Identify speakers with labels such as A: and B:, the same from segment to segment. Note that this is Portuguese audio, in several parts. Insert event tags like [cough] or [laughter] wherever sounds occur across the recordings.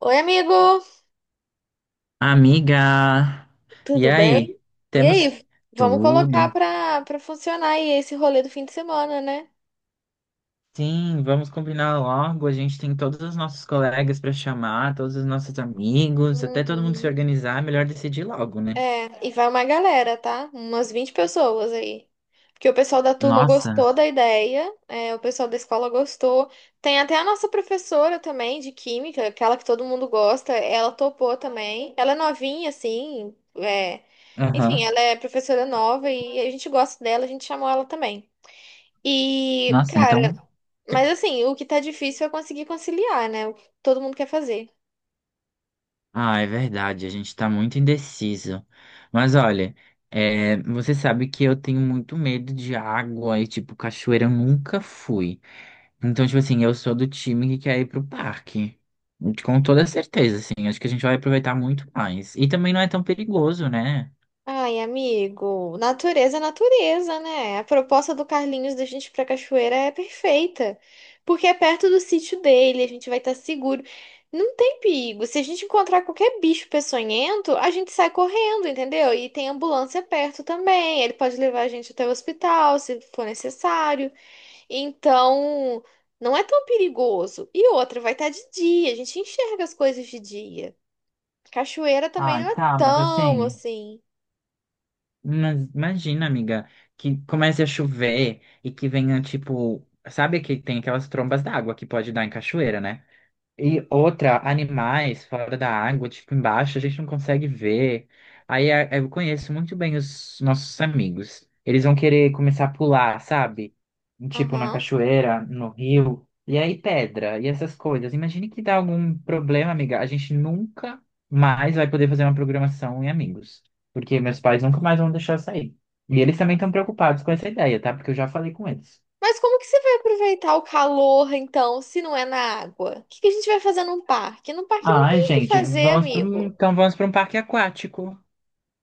A: Oi, amigo,
B: Amiga, e
A: tudo
B: aí?
A: bem? E
B: Temos
A: aí, vamos colocar
B: tudo?
A: pra funcionar aí esse rolê do fim de semana, né?
B: Sim, vamos combinar logo. A gente tem todos os nossos colegas para chamar, todos os nossos amigos, até todo mundo se
A: Uhum.
B: organizar. É melhor decidir logo, né?
A: É, e vai uma galera, tá? Umas 20 pessoas aí. Porque o pessoal da turma
B: Nossa,
A: gostou da ideia, é, o pessoal da escola gostou. Tem até a nossa professora também de química, aquela que todo mundo gosta, ela topou também. Ela é novinha, assim, Enfim,
B: aham.
A: ela é professora nova e a gente gosta dela, a gente chamou ela também. E,
B: Nossa,
A: cara,
B: então.
A: mas assim, o que tá difícil é conseguir conciliar, né? O que todo mundo quer fazer.
B: Ah, é verdade, a gente tá muito indeciso. Mas olha, é, você sabe que eu tenho muito medo de água e, tipo, cachoeira eu nunca fui. Então, tipo assim, eu sou do time que quer ir pro parque. Com toda certeza, assim. Acho que a gente vai aproveitar muito mais. E também não é tão perigoso, né?
A: Ai, amigo, natureza é natureza, né? A proposta do Carlinhos da gente ir pra cachoeira é perfeita. Porque é perto do sítio dele, a gente vai estar seguro. Não tem perigo. Se a gente encontrar qualquer bicho peçonhento, a gente sai correndo, entendeu? E tem ambulância perto também. Ele pode levar a gente até o hospital, se for necessário. Então, não é tão perigoso. E outra, vai estar de dia, a gente enxerga as coisas de dia. Cachoeira também
B: Ai,
A: não é
B: tá, mas
A: tão
B: assim.
A: assim.
B: Mas imagina, amiga, que comece a chover e que venha, tipo. Sabe que tem aquelas trombas d'água que pode dar em cachoeira, né? E outra,
A: Aham,
B: animais fora da água, tipo embaixo, a gente não consegue ver. Eu conheço muito bem os nossos amigos. Eles vão querer começar a pular, sabe? Tipo na
A: aham.
B: cachoeira, no rio. E aí pedra e essas coisas. Imagine que dá algum problema, amiga. A gente nunca mais vai poder fazer uma programação em amigos. Porque meus pais nunca mais vão deixar eu sair. E eles também estão preocupados com essa ideia, tá? Porque eu já falei com eles.
A: Mas como que você vai aproveitar o calor, então, se não é na água? O que que a gente vai fazer num parque? Num parque não
B: Ai,
A: tem o que
B: gente,
A: fazer,
B: vamos para um,
A: amigo.
B: então vamos para um parque aquático.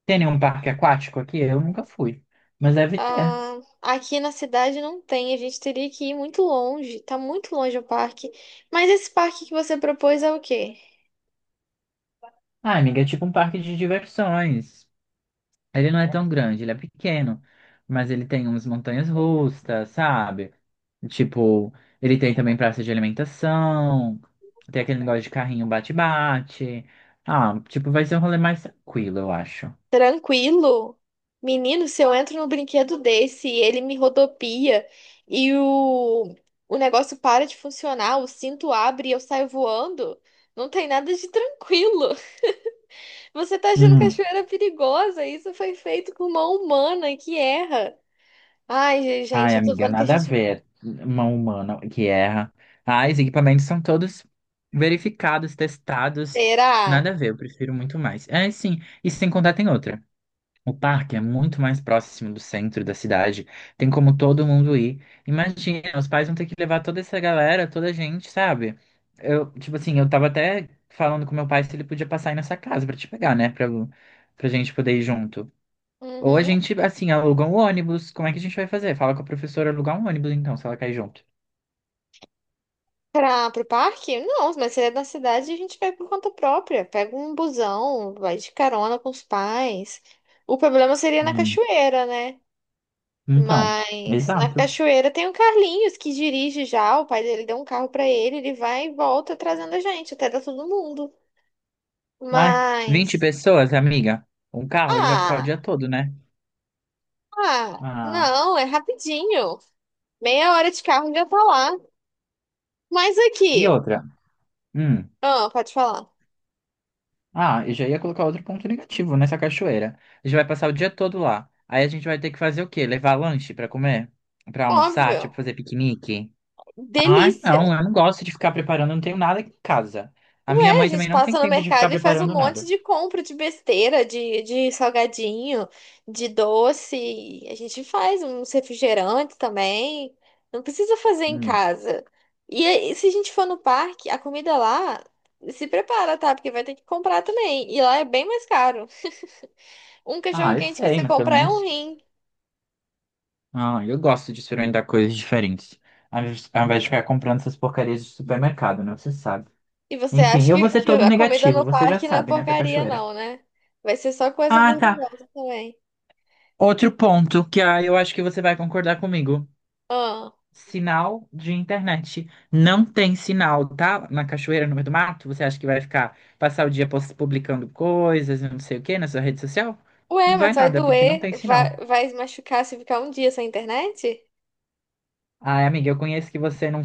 B: Tem nenhum parque aquático aqui? Eu nunca fui, mas deve ter.
A: Ah, aqui na cidade não tem, a gente teria que ir muito longe. Tá muito longe o parque. Mas esse parque que você propôs é o quê?
B: Ah, amiga, é tipo um parque de diversões. Ele não é tão grande, ele é pequeno, mas ele tem umas montanhas russas, sabe? Tipo, ele tem também praça de alimentação, tem aquele negócio de carrinho bate-bate. Ah, tipo, vai ser um rolê mais tranquilo, eu acho.
A: Tranquilo? Menino, se eu entro num brinquedo desse e ele me rodopia e o negócio para de funcionar, o cinto abre e eu saio voando, não tem nada de tranquilo. [laughs] Você tá achando cachoeira perigosa? Isso foi feito com mão humana que erra. Ai,
B: Ai,
A: gente, eu tô
B: amiga,
A: vendo que a
B: nada a
A: gente.
B: ver. Uma humana que erra. Ai, os equipamentos são todos verificados, testados.
A: Será?
B: Nada a ver, eu prefiro muito mais. É, sim. E sem contar, tem outra. O parque é muito mais próximo do centro da cidade. Tem como todo mundo ir. Imagina, os pais vão ter que levar toda essa galera, toda a gente, sabe? Eu, tipo assim, eu tava até falando com meu pai se ele podia passar aí nessa casa pra te pegar, né? Pra, pra gente poder ir junto. Ou a
A: Uhum.
B: gente, assim, aluga um ônibus. Como é que a gente vai fazer? Fala com a professora alugar um ônibus, então, se ela cair junto.
A: Pro parque? Não, mas se é da cidade, a gente vai por conta própria. Pega um busão, vai de carona com os pais. O problema seria na
B: Hum.
A: cachoeira, né?
B: Então,
A: Mas na
B: exato.
A: cachoeira tem o Carlinhos que dirige já, o pai dele deu um carro pra ele, ele vai e volta trazendo a gente, até dá todo mundo.
B: Ai, 20
A: Mas.
B: pessoas, amiga. Um carro, ele vai ficar o dia
A: Ah,
B: todo, né?
A: ah,
B: Ah,
A: não, é rapidinho. Meia hora de carro já tá lá. Mas
B: e
A: aqui,
B: outra? Hum.
A: ah, pode falar.
B: Ah, eu já ia colocar outro ponto negativo nessa cachoeira. A gente vai passar o dia todo lá. Aí a gente vai ter que fazer o quê? Levar lanche pra comer? Pra almoçar? Tipo,
A: Óbvio,
B: fazer piquenique? Ai,
A: delícia.
B: não, eu não gosto de ficar preparando, não tenho nada aqui em casa. A minha
A: Ué, a
B: mãe
A: gente
B: também não tem
A: passa no
B: tempo de ficar
A: mercado e faz um
B: preparando
A: monte
B: nada.
A: de compra de besteira, de salgadinho, de doce. A gente faz uns refrigerantes também. Não precisa fazer em
B: Hum.
A: casa. E aí, se a gente for no parque, a comida lá se prepara, tá? Porque vai ter que comprar também. E lá é bem mais caro. Um cachorro
B: Ah, eu
A: quente que
B: sei,
A: você
B: mas pelo
A: comprar é um
B: menos.
A: rim.
B: Ah, eu gosto de experimentar coisas diferentes. Ao invés de ficar comprando essas porcarias de supermercado, né? Você sabe.
A: E você acha
B: Enfim, eu vou ser
A: que
B: todo
A: a comida no
B: negativo, você já
A: parque não é
B: sabe, né, pra
A: porcaria,
B: cachoeira.
A: não, né? Vai ser só coisa
B: Ah, tá.
A: gordurosa também.
B: Outro ponto que ah, eu acho que você vai concordar comigo. Sinal de internet. Não tem sinal, tá? Na cachoeira, no meio do mato, você acha que vai ficar, passar o dia publicando coisas, não sei o quê, na sua rede social?
A: Ué,
B: Não vai
A: mas vai
B: nada, porque
A: doer,
B: não tem
A: vai,
B: sinal.
A: vai machucar se ficar um dia sem internet?
B: Ai, amiga, eu conheço que você não.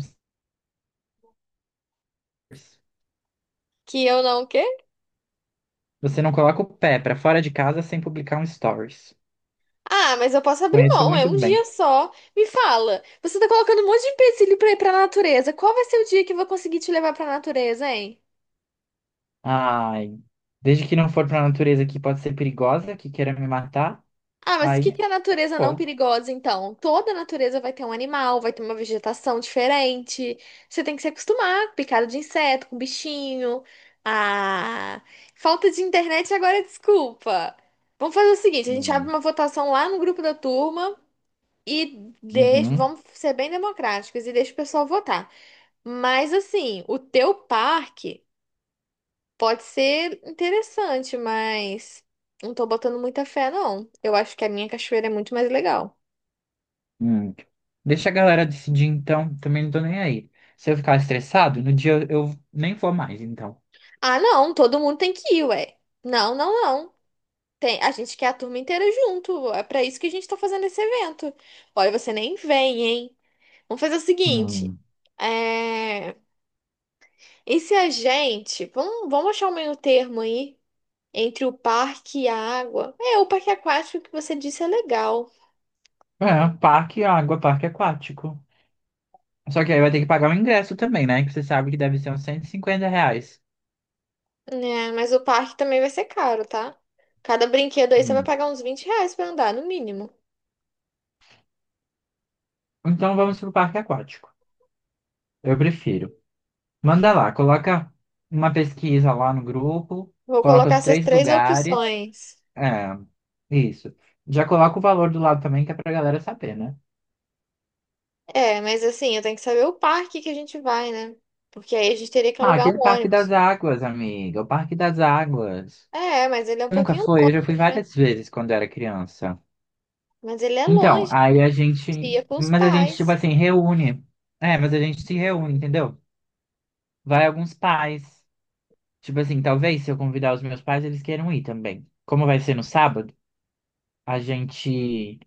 A: Que eu não, o quê?
B: Você não coloca o pé pra fora de casa sem publicar um stories.
A: Ah, mas eu posso abrir
B: Conheço
A: mão, é
B: muito
A: um
B: bem.
A: dia só. Me fala, você tá colocando um monte de empecilho pra ir pra natureza. Qual vai ser o dia que eu vou conseguir te levar pra natureza, hein?
B: Ai, desde que não for pra natureza que pode ser perigosa, que queira me matar,
A: Ah, mas o que
B: aí
A: que é a natureza não
B: pô.
A: perigosa, então? Toda natureza vai ter um animal, vai ter uma vegetação diferente. Você tem que se acostumar com picada de inseto, com bichinho. Ah, falta de internet agora, é desculpa. Vamos fazer o seguinte, a gente abre
B: Hum,
A: uma votação lá no grupo da turma e deixa,
B: uhum,
A: vamos ser bem democráticos e deixa o pessoal votar. Mas assim, o teu parque pode ser interessante, mas não tô botando muita fé, não. Eu acho que a minha cachoeira é muito mais legal.
B: hum. Deixa a galera decidir então, também não tô nem aí. Se eu ficar estressado, no dia eu nem vou mais, então.
A: Ah, não, todo mundo tem que ir, ué. Não, não, não. Tem, a gente quer a turma inteira junto. É pra isso que a gente tá fazendo esse evento. Olha, você nem vem, hein? Vamos fazer o seguinte.
B: Hum.
A: É... E se a gente. Vamos achar um meio termo aí entre o parque e a água. É, o parque aquático que você disse é legal,
B: É, parque, água, parque aquático. Só que aí vai ter que pagar o ingresso também, né? Que você sabe que deve ser uns R$ 150.
A: né? Mas o parque também vai ser caro, tá? Cada brinquedo aí você vai
B: Hum.
A: pagar uns 20 reais pra andar, no mínimo.
B: Então vamos pro parque aquático. Eu prefiro. Manda lá, coloca uma pesquisa lá no grupo,
A: Vou
B: coloca
A: colocar
B: os
A: essas
B: três
A: três
B: lugares.
A: opções.
B: É, isso. Já coloca o valor do lado também, que é pra galera saber, né?
A: É, mas assim, eu tenho que saber o parque que a gente vai, né? Porque aí a gente teria que
B: Ah,
A: alugar
B: aquele
A: um
B: Parque das
A: ônibus.
B: Águas, amiga, o Parque das Águas.
A: É, mas ele é um
B: Eu nunca
A: pouquinho
B: fui, eu
A: longe,
B: já fui
A: né?
B: várias vezes quando era criança.
A: Mas ele é
B: Então,
A: longe, a
B: aí a
A: gente ia
B: gente.
A: com os
B: Mas a gente, tipo
A: pais.
B: assim, reúne. É, mas a gente se reúne, entendeu? Vai alguns pais. Tipo assim, talvez se eu convidar os meus pais, eles queiram ir também. Como vai ser no sábado, a gente.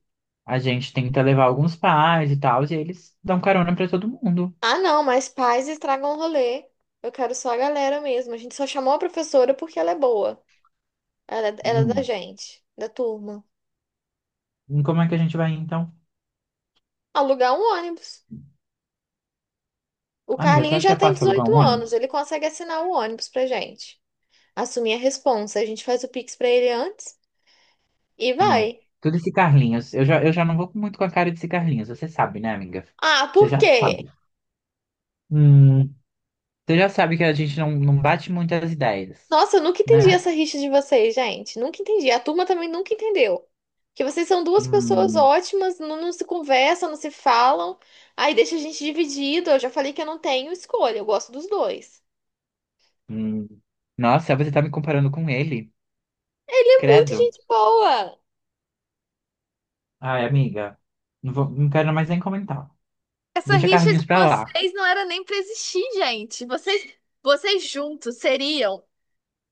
B: A gente tenta levar alguns pais e tal, e eles dão carona pra todo mundo.
A: Ah, não, mas pais estragam o rolê. Eu quero só a galera mesmo. A gente só chamou a professora porque ela é boa. Ela é da
B: Hum.
A: gente, da turma.
B: E como é que a gente vai então?
A: Alugar um ônibus. O
B: Amiga, você
A: Carlinhos
B: acha que
A: já
B: é
A: tem
B: fácil alugar
A: 18
B: um
A: anos,
B: ônibus?
A: ele consegue assinar o ônibus pra gente. Assumir a responsa. A gente faz o Pix pra ele antes e
B: Hum.
A: vai.
B: Tudo esse Carlinhos. Eu já não vou muito com a cara desse Carlinhos, você sabe, né, amiga?
A: Ah,
B: Você
A: por
B: já
A: quê?
B: sabe. Hum. Você já sabe que a gente não bate muito as ideias,
A: Nossa, eu nunca entendi
B: né?
A: essa rixa de vocês, gente. Nunca entendi. A turma também nunca entendeu. Que vocês são duas pessoas
B: Hum.
A: ótimas, não, não se conversam, não se falam. Aí deixa a gente dividido. Eu já falei que eu não tenho escolha, eu gosto dos dois.
B: Hum. Nossa, você tá me comparando com ele?
A: Ele é muito
B: Credo.
A: gente boa.
B: Ai, amiga, não vou, não quero mais nem comentar.
A: Essa
B: Deixa
A: rixa de
B: Carlinhos pra lá.
A: vocês não era nem pra existir, gente. Vocês, vocês juntos seriam.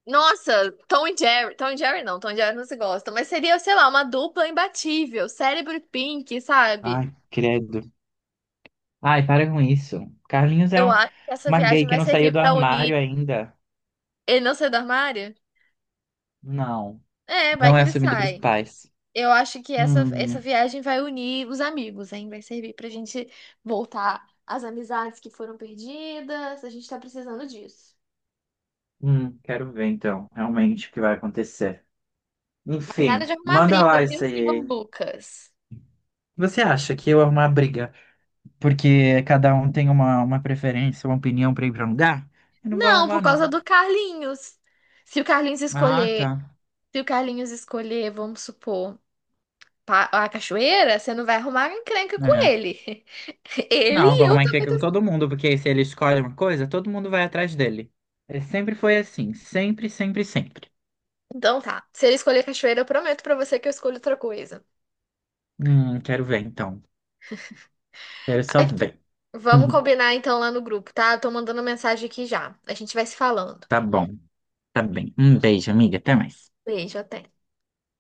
A: Nossa, Tom e Jerry. Tom e Jerry não, Tom e Jerry não se gostam, mas seria, sei lá, uma dupla imbatível, cérebro e Pink, sabe?
B: Ai, credo. Ai, para com isso. Carlinhos é
A: Eu
B: um-
A: acho que essa
B: uma
A: viagem
B: gay que
A: vai
B: não
A: servir
B: saiu do
A: pra
B: armário
A: unir
B: ainda.
A: ele não sai do armário?
B: Não,
A: É, vai
B: não
A: que
B: é
A: ele
B: assumido pros
A: sai.
B: pais.
A: Eu acho que essa
B: Hum,
A: viagem vai unir os amigos, hein? Vai servir pra gente voltar às amizades que foram perdidas. A gente tá precisando disso.
B: quero ver então, realmente o que vai acontecer.
A: Mas nada de
B: Enfim,
A: arrumar
B: manda lá
A: briga, viu,
B: isso
A: senhor
B: aí.
A: Lucas?
B: Você acha que eu arrumar briga? Porque cada um tem uma preferência, uma opinião pra ir pra um lugar? Eu não vou
A: Não,
B: arrumar,
A: por causa
B: não.
A: do Carlinhos. Se o Carlinhos
B: Ah,
A: escolher,
B: tá.
A: se o Carlinhos escolher, vamos supor, a cachoeira, você não vai arrumar encrenca com
B: É.
A: ele. [laughs] Ele
B: Não, vou
A: e eu
B: arrumar
A: também.
B: encrenca com todo mundo, porque se ele escolhe uma coisa, todo mundo vai atrás dele. É, sempre foi assim, sempre, sempre, sempre.
A: Então tá. Se ele escolher cachoeira, eu prometo pra você que eu escolho outra coisa.
B: Quero ver então. Quero só
A: Ai,
B: ver.
A: vamos
B: [laughs]
A: combinar então lá no grupo, tá? Eu tô mandando mensagem aqui já. A gente vai se falando.
B: Tá bom, tá bem. Um beijo, amiga. Até mais.
A: Beijo, até.